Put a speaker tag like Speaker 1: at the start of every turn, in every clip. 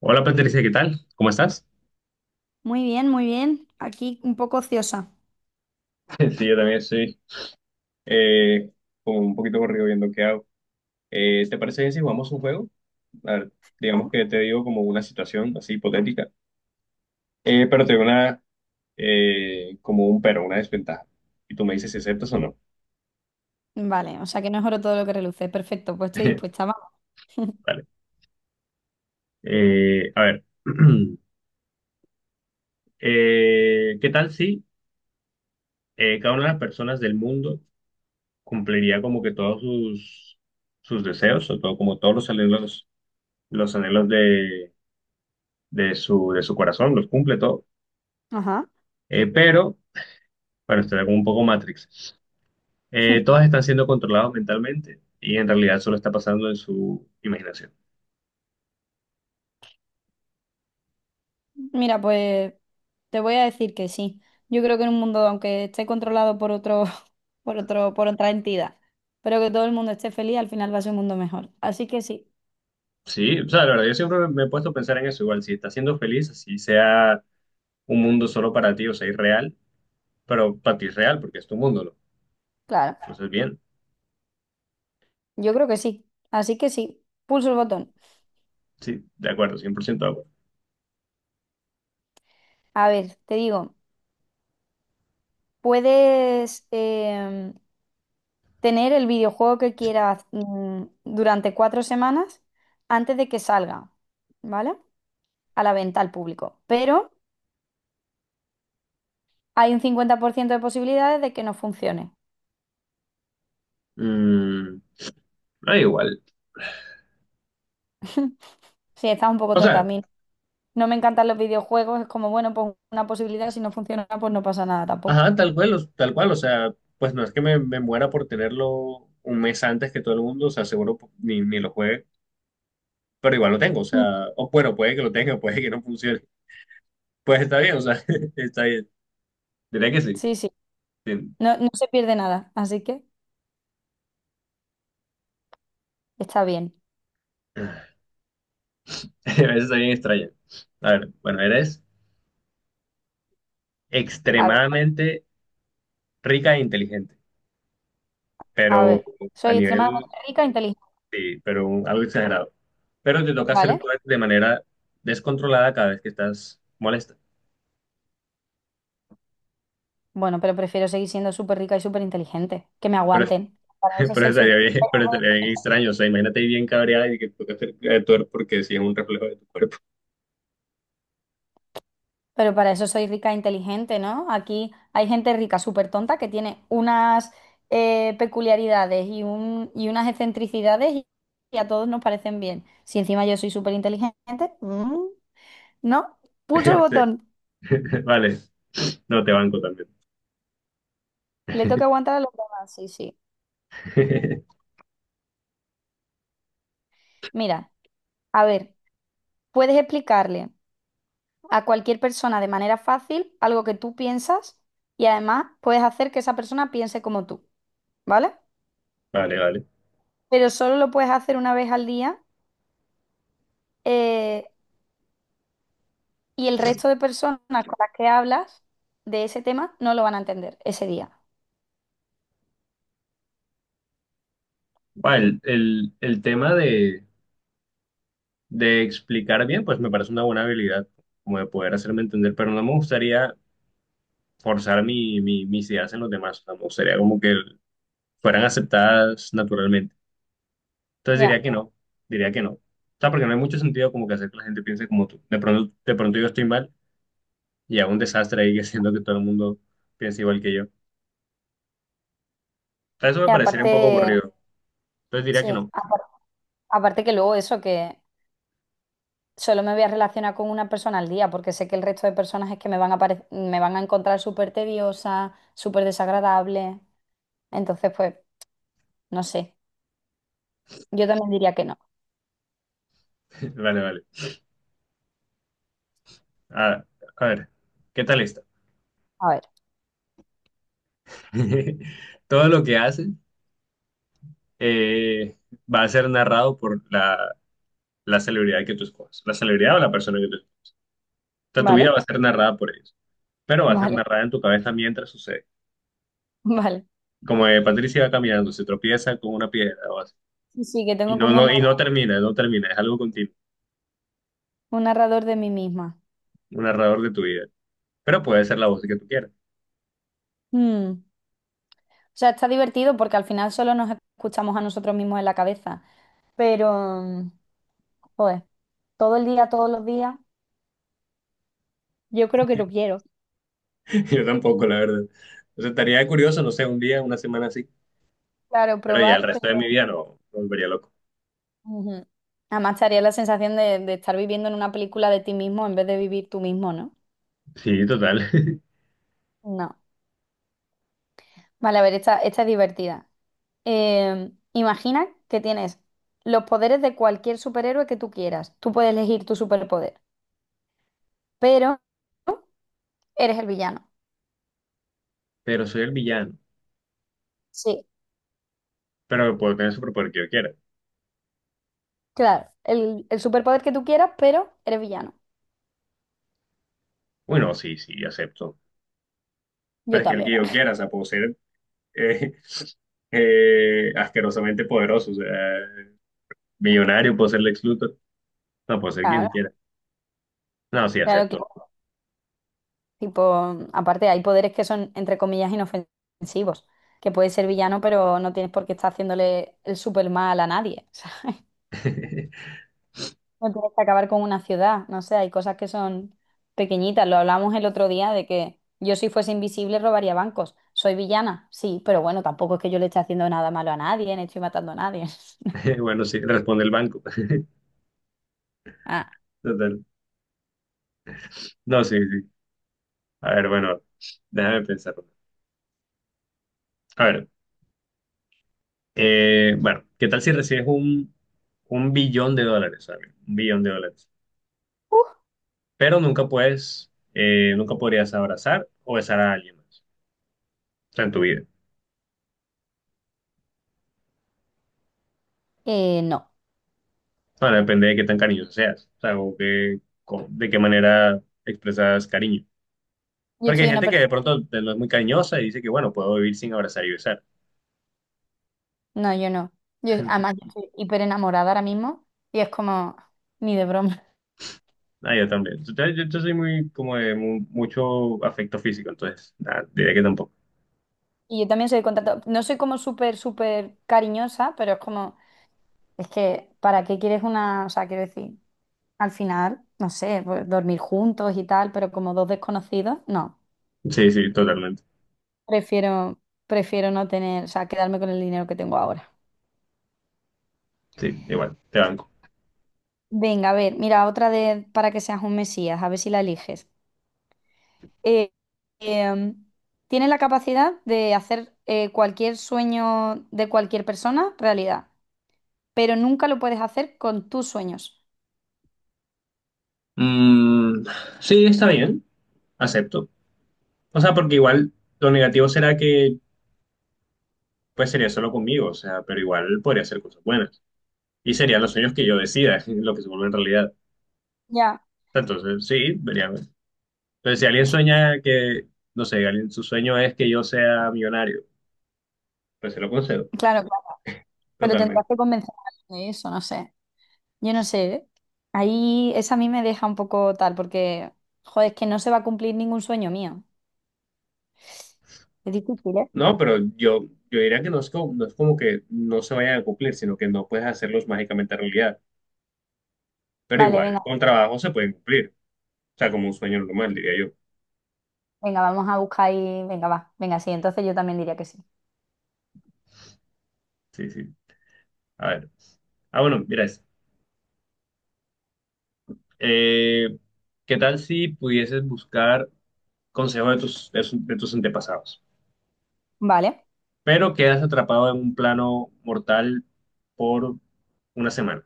Speaker 1: Hola, Patricia, ¿qué tal? ¿Cómo estás?
Speaker 2: Muy bien, muy bien. Aquí un poco ociosa.
Speaker 1: Sí, yo también estoy eh, como un poquito corrido viendo qué hago. ¿ ¿te parece bien si jugamos un juego? A ver, digamos
Speaker 2: Vale.
Speaker 1: que te digo como una situación así hipotética, pero te digo una, como un pero, una desventaja. Y tú me dices si aceptas o no.
Speaker 2: Vale, o sea que no es oro todo lo que reluce. Perfecto, pues estoy dispuesta. Vamos.
Speaker 1: Vale. A ver, ¿ ¿qué tal si cada una de las personas del mundo cumpliría como que todos sus deseos o todo, como todos los anhelos de su, de su corazón, los cumple todo.
Speaker 2: Ajá.
Speaker 1: Pero, bueno, está como un poco Matrix. Todas están siendo controladas mentalmente y en realidad solo está pasando en su imaginación.
Speaker 2: Mira, pues te voy a decir que sí. Yo creo que en un mundo, aunque esté controlado por otro, por otro, por otra entidad, pero que todo el mundo esté feliz, al final va a ser un mundo mejor. Así que sí,
Speaker 1: Sí, o sea, la verdad, yo siempre me he puesto a pensar en eso. Igual, si estás siendo feliz, así sea un mundo solo para ti, o sea, irreal, pero para ti es real porque es tu mundo, ¿no?
Speaker 2: claro,
Speaker 1: Entonces, bien,
Speaker 2: yo creo que sí. Así que sí, pulso el botón.
Speaker 1: sí, de acuerdo, 100% de acuerdo.
Speaker 2: A ver, te digo. Puedes tener el videojuego que quieras durante 4 semanas antes de que salga, ¿vale? A la venta al público. Pero hay un 50% de posibilidades de que no funcione.
Speaker 1: Mm, no, igual.
Speaker 2: Sí, estás un poco
Speaker 1: O
Speaker 2: tonta. A
Speaker 1: sea,
Speaker 2: mí no me encantan los videojuegos. Es como, bueno, pues una posibilidad. Si no funciona, pues no pasa nada tampoco.
Speaker 1: ajá, tal cual, tal cual, o sea, pues no es que me muera por tenerlo un mes antes que todo el mundo, o sea, seguro ni lo juegue, pero igual lo tengo, o
Speaker 2: Mm.
Speaker 1: sea, o bueno, puede que lo tenga, puede que no funcione, pues está bien, o sea, está bien, diría que sí,
Speaker 2: Sí, sí.
Speaker 1: sí.
Speaker 2: No, no se pierde nada. Así que está bien.
Speaker 1: A veces está bien extraña. A ver, bueno, eres
Speaker 2: A ver,
Speaker 1: extremadamente rica e inteligente,
Speaker 2: a
Speaker 1: pero
Speaker 2: ver.
Speaker 1: a
Speaker 2: Soy extremadamente
Speaker 1: nivel,
Speaker 2: rica e inteligente,
Speaker 1: sí, pero algo exagerado, pero te toca hacer
Speaker 2: ¿vale?
Speaker 1: tú de manera descontrolada cada vez que estás molesta.
Speaker 2: Bueno, pero prefiero seguir siendo súper rica y súper inteligente. Que me aguanten. Para eso soy su-
Speaker 1: Pero estaría bien extraño. O sea, imagínate ahí bien cabreada y que toca cerca de porque sí es un reflejo de tu cuerpo.
Speaker 2: Pero para eso soy rica e inteligente, ¿no? Aquí hay gente rica súper tonta que tiene unas peculiaridades y, y unas excentricidades y a todos nos parecen bien. Si encima yo soy súper inteligente, ¿no? Pulso el
Speaker 1: Sí.
Speaker 2: botón.
Speaker 1: Vale, no te banco también.
Speaker 2: Le toca aguantar a los demás. Sí, sí. Mira, a ver, puedes explicarle a cualquier persona de manera fácil algo que tú piensas y además puedes hacer que esa persona piense como tú. ¿Vale?
Speaker 1: Vale, vale.
Speaker 2: Pero solo lo puedes hacer una vez al día eh, y el resto de personas con las que hablas de ese tema no lo van a entender ese día.
Speaker 1: Va, el tema de explicar bien, pues me parece una buena habilidad, como de poder hacerme entender, pero no me gustaría forzar mis ideas en los demás. O sea, me gustaría como que fueran aceptadas naturalmente. Entonces diría
Speaker 2: Ya.
Speaker 1: que no, diría que no. O sea, porque no hay mucho sentido como que hacer que la gente piense como tú. De pronto yo estoy mal y a un desastre ahí que siento que todo el mundo piense igual que yo. Eso me
Speaker 2: Y
Speaker 1: parecería un poco
Speaker 2: aparte,
Speaker 1: aburrido. Entonces diría que
Speaker 2: sí,
Speaker 1: no.
Speaker 2: aparte, que luego eso, que solo me voy a relacionar con una persona al día, porque sé que el resto de personas es que me van a, me van a encontrar súper tediosa, súper desagradable. Entonces, pues, no sé. Yo también diría que no.
Speaker 1: Vale, vale. A, a ver, ¿qué tal esta?
Speaker 2: A ver,
Speaker 1: Todo lo que haces eh, va a ser narrado por la celebridad que tú escojas, la celebridad o la persona que tú escojas. O sea, tu vida
Speaker 2: ¿vale?
Speaker 1: va a ser narrada por ellos, pero va a ser
Speaker 2: Vale,
Speaker 1: narrada en tu cabeza mientras sucede.
Speaker 2: vale.
Speaker 1: Como Patricia va caminando, se tropieza con una piedra o así.
Speaker 2: Sí, sí, que
Speaker 1: Y
Speaker 2: tengo como un,
Speaker 1: no termina, no termina, es algo continuo,
Speaker 2: un narrador de mí misma.
Speaker 1: un narrador de tu vida. Pero puede ser la voz que tú quieras.
Speaker 2: Mm. O sea, está divertido porque al final solo nos escuchamos a nosotros mismos en la cabeza. Pero, mm, joder, todo el día, todos los días, yo creo que lo quiero.
Speaker 1: Yo tampoco, la verdad. Entonces estaría curioso, no sé, un día, una semana así.
Speaker 2: Claro,
Speaker 1: Pero ya el
Speaker 2: probar, pero.
Speaker 1: resto de mi vida no, no me volvería loco.
Speaker 2: Ujú. Además, te haría la sensación de estar viviendo en una película de ti mismo en vez de vivir tú mismo, ¿no?
Speaker 1: Sí, total.
Speaker 2: No. Vale, a ver, esta es divertida. Imagina que tienes los poderes de cualquier superhéroe que tú quieras. Tú puedes elegir tu superpoder, pero eres el villano.
Speaker 1: Pero soy el villano.
Speaker 2: Sí.
Speaker 1: Pero puedo tener el superpoder que yo quiera.
Speaker 2: Claro, el superpoder que tú quieras, pero eres villano.
Speaker 1: Bueno, sí, sí, acepto. Pero
Speaker 2: Yo
Speaker 1: es que el
Speaker 2: también.
Speaker 1: que yo quiera, o sea, puedo ser eh, asquerosamente poderoso, o sea, millonario, puedo ser Lex Luthor. No, puedo ser quien
Speaker 2: Claro,
Speaker 1: quiera. No, sí,
Speaker 2: claro, que
Speaker 1: acepto.
Speaker 2: sí. Tipo, aparte hay poderes que son, entre comillas, inofensivos, que puedes ser villano, pero no tienes por qué estar haciéndole el super mal a nadie. O sea, no tienes que acabar con una ciudad, no sé, hay cosas que son pequeñitas. Lo hablamos el otro día de que yo si fuese invisible robaría bancos. Soy villana, sí, pero bueno, tampoco es que yo le esté haciendo nada malo a nadie, ni estoy matando a nadie.
Speaker 1: Bueno, sí, responde el banco.
Speaker 2: Ah,
Speaker 1: Total. No, sí, sí. A ver, bueno, déjame pensar. A ver. Bueno, ¿qué tal si recibes un billón de dólares, ¿sabes? Un billón de dólares.
Speaker 2: uh,
Speaker 1: Pero nunca puedes, nunca podrías abrazar o besar a alguien más. O sea, en tu vida.
Speaker 2: no,
Speaker 1: Bueno, depende de qué tan cariñoso seas. O sea, o de qué manera expresas cariño.
Speaker 2: yo
Speaker 1: Porque hay
Speaker 2: soy una
Speaker 1: gente que de
Speaker 2: persona.
Speaker 1: pronto no es muy cariñosa y dice que, bueno, puedo vivir sin abrazar y besar.
Speaker 2: No, yo no. Yo, además, yo estoy hiper enamorada ahora mismo y es como ni de broma.
Speaker 1: Ah, yo también. Entonces, yo soy muy, como de mucho afecto físico, entonces, nada, diría que tampoco.
Speaker 2: Y yo también soy de contacto, no soy como súper, súper cariñosa, pero es como, es que, ¿para qué quieres una? O sea, quiero decir, al final, no sé, pues, dormir juntos y tal, pero como dos desconocidos, no.
Speaker 1: Sí, sí, totalmente.
Speaker 2: Prefiero, prefiero no tener, o sea, quedarme con el dinero que tengo ahora.
Speaker 1: Sí, igual, te banco.
Speaker 2: Venga, a ver, mira, otra de para que seas un mesías, a ver si la eliges. eh, em, Tiene la capacidad de hacer cualquier sueño de cualquier persona realidad, pero nunca lo puedes hacer con tus sueños.
Speaker 1: Mm, sí, está bien, acepto. O sea, porque igual lo negativo será que pues sería solo conmigo, o sea, pero igual podría ser cosas buenas. Y serían los sueños que yo decida, lo que se vuelve en realidad.
Speaker 2: Ya,
Speaker 1: Entonces, sí, veríamos. Pero si alguien sueña que, no sé, alguien, su sueño es que yo sea millonario, pues se lo concedo,
Speaker 2: claro, claro, pero tendrás
Speaker 1: totalmente.
Speaker 2: que convencer a alguien de eso, no sé. Yo no sé, ¿eh? Ahí esa a mí me deja un poco tal, porque, joder, es que no se va a cumplir ningún sueño mío. Es difícil, ¿eh?
Speaker 1: No, pero yo diría que no es como, no es como que no se vayan a cumplir, sino que no puedes hacerlos mágicamente realidad. Pero
Speaker 2: Vale,
Speaker 1: igual,
Speaker 2: venga,
Speaker 1: con trabajo se pueden cumplir. O sea, como un sueño normal, diría yo.
Speaker 2: venga, vamos a buscar ahí, venga, va, venga, sí, entonces yo también diría que sí.
Speaker 1: Sí, sí. A ver. Ah, bueno, mira esto. Eh, ¿qué tal si pudieses buscar consejos de de tus antepasados,
Speaker 2: Vale.
Speaker 1: pero quedas atrapado en un plano mortal por una semana?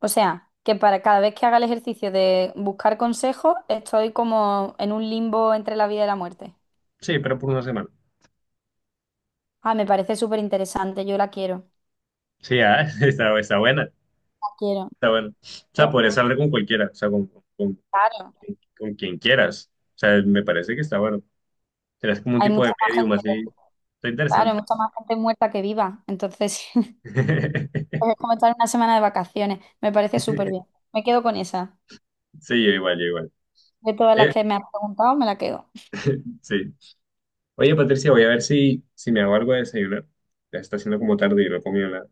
Speaker 2: O sea, que para cada vez que haga el ejercicio de buscar consejos, estoy como en un limbo entre la vida y la muerte.
Speaker 1: Sí, pero por una semana.
Speaker 2: Ah, me parece súper interesante, yo la quiero.
Speaker 1: Sí, ah, está buena,
Speaker 2: La quiero.
Speaker 1: está buena. O sea,
Speaker 2: Sí,
Speaker 1: podrías hablar con cualquiera, o sea, con,
Speaker 2: claro.
Speaker 1: con quien quieras. O sea, me parece que está bueno. Serás como un
Speaker 2: Hay
Speaker 1: tipo
Speaker 2: mucha
Speaker 1: de
Speaker 2: más
Speaker 1: medium así.
Speaker 2: gente,
Speaker 1: Está
Speaker 2: claro, hay
Speaker 1: interesante.
Speaker 2: mucha más gente muerta que viva. Entonces, pues es como estar en una semana de vacaciones. Me parece súper bien. Me quedo con esa.
Speaker 1: Sí, yo igual, yo igual.
Speaker 2: De todas las
Speaker 1: Eh,
Speaker 2: que me has preguntado, me la quedo.
Speaker 1: sí. Oye, Patricia, voy a ver si me hago algo de desayunar. Ya está haciendo como tarde y no he comido nada.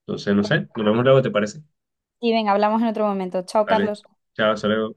Speaker 1: Entonces, no sé, nos vemos luego, ¿te parece?
Speaker 2: Y venga, hablamos en otro momento. Chao,
Speaker 1: Vale,
Speaker 2: Carlos.
Speaker 1: chao, hasta luego.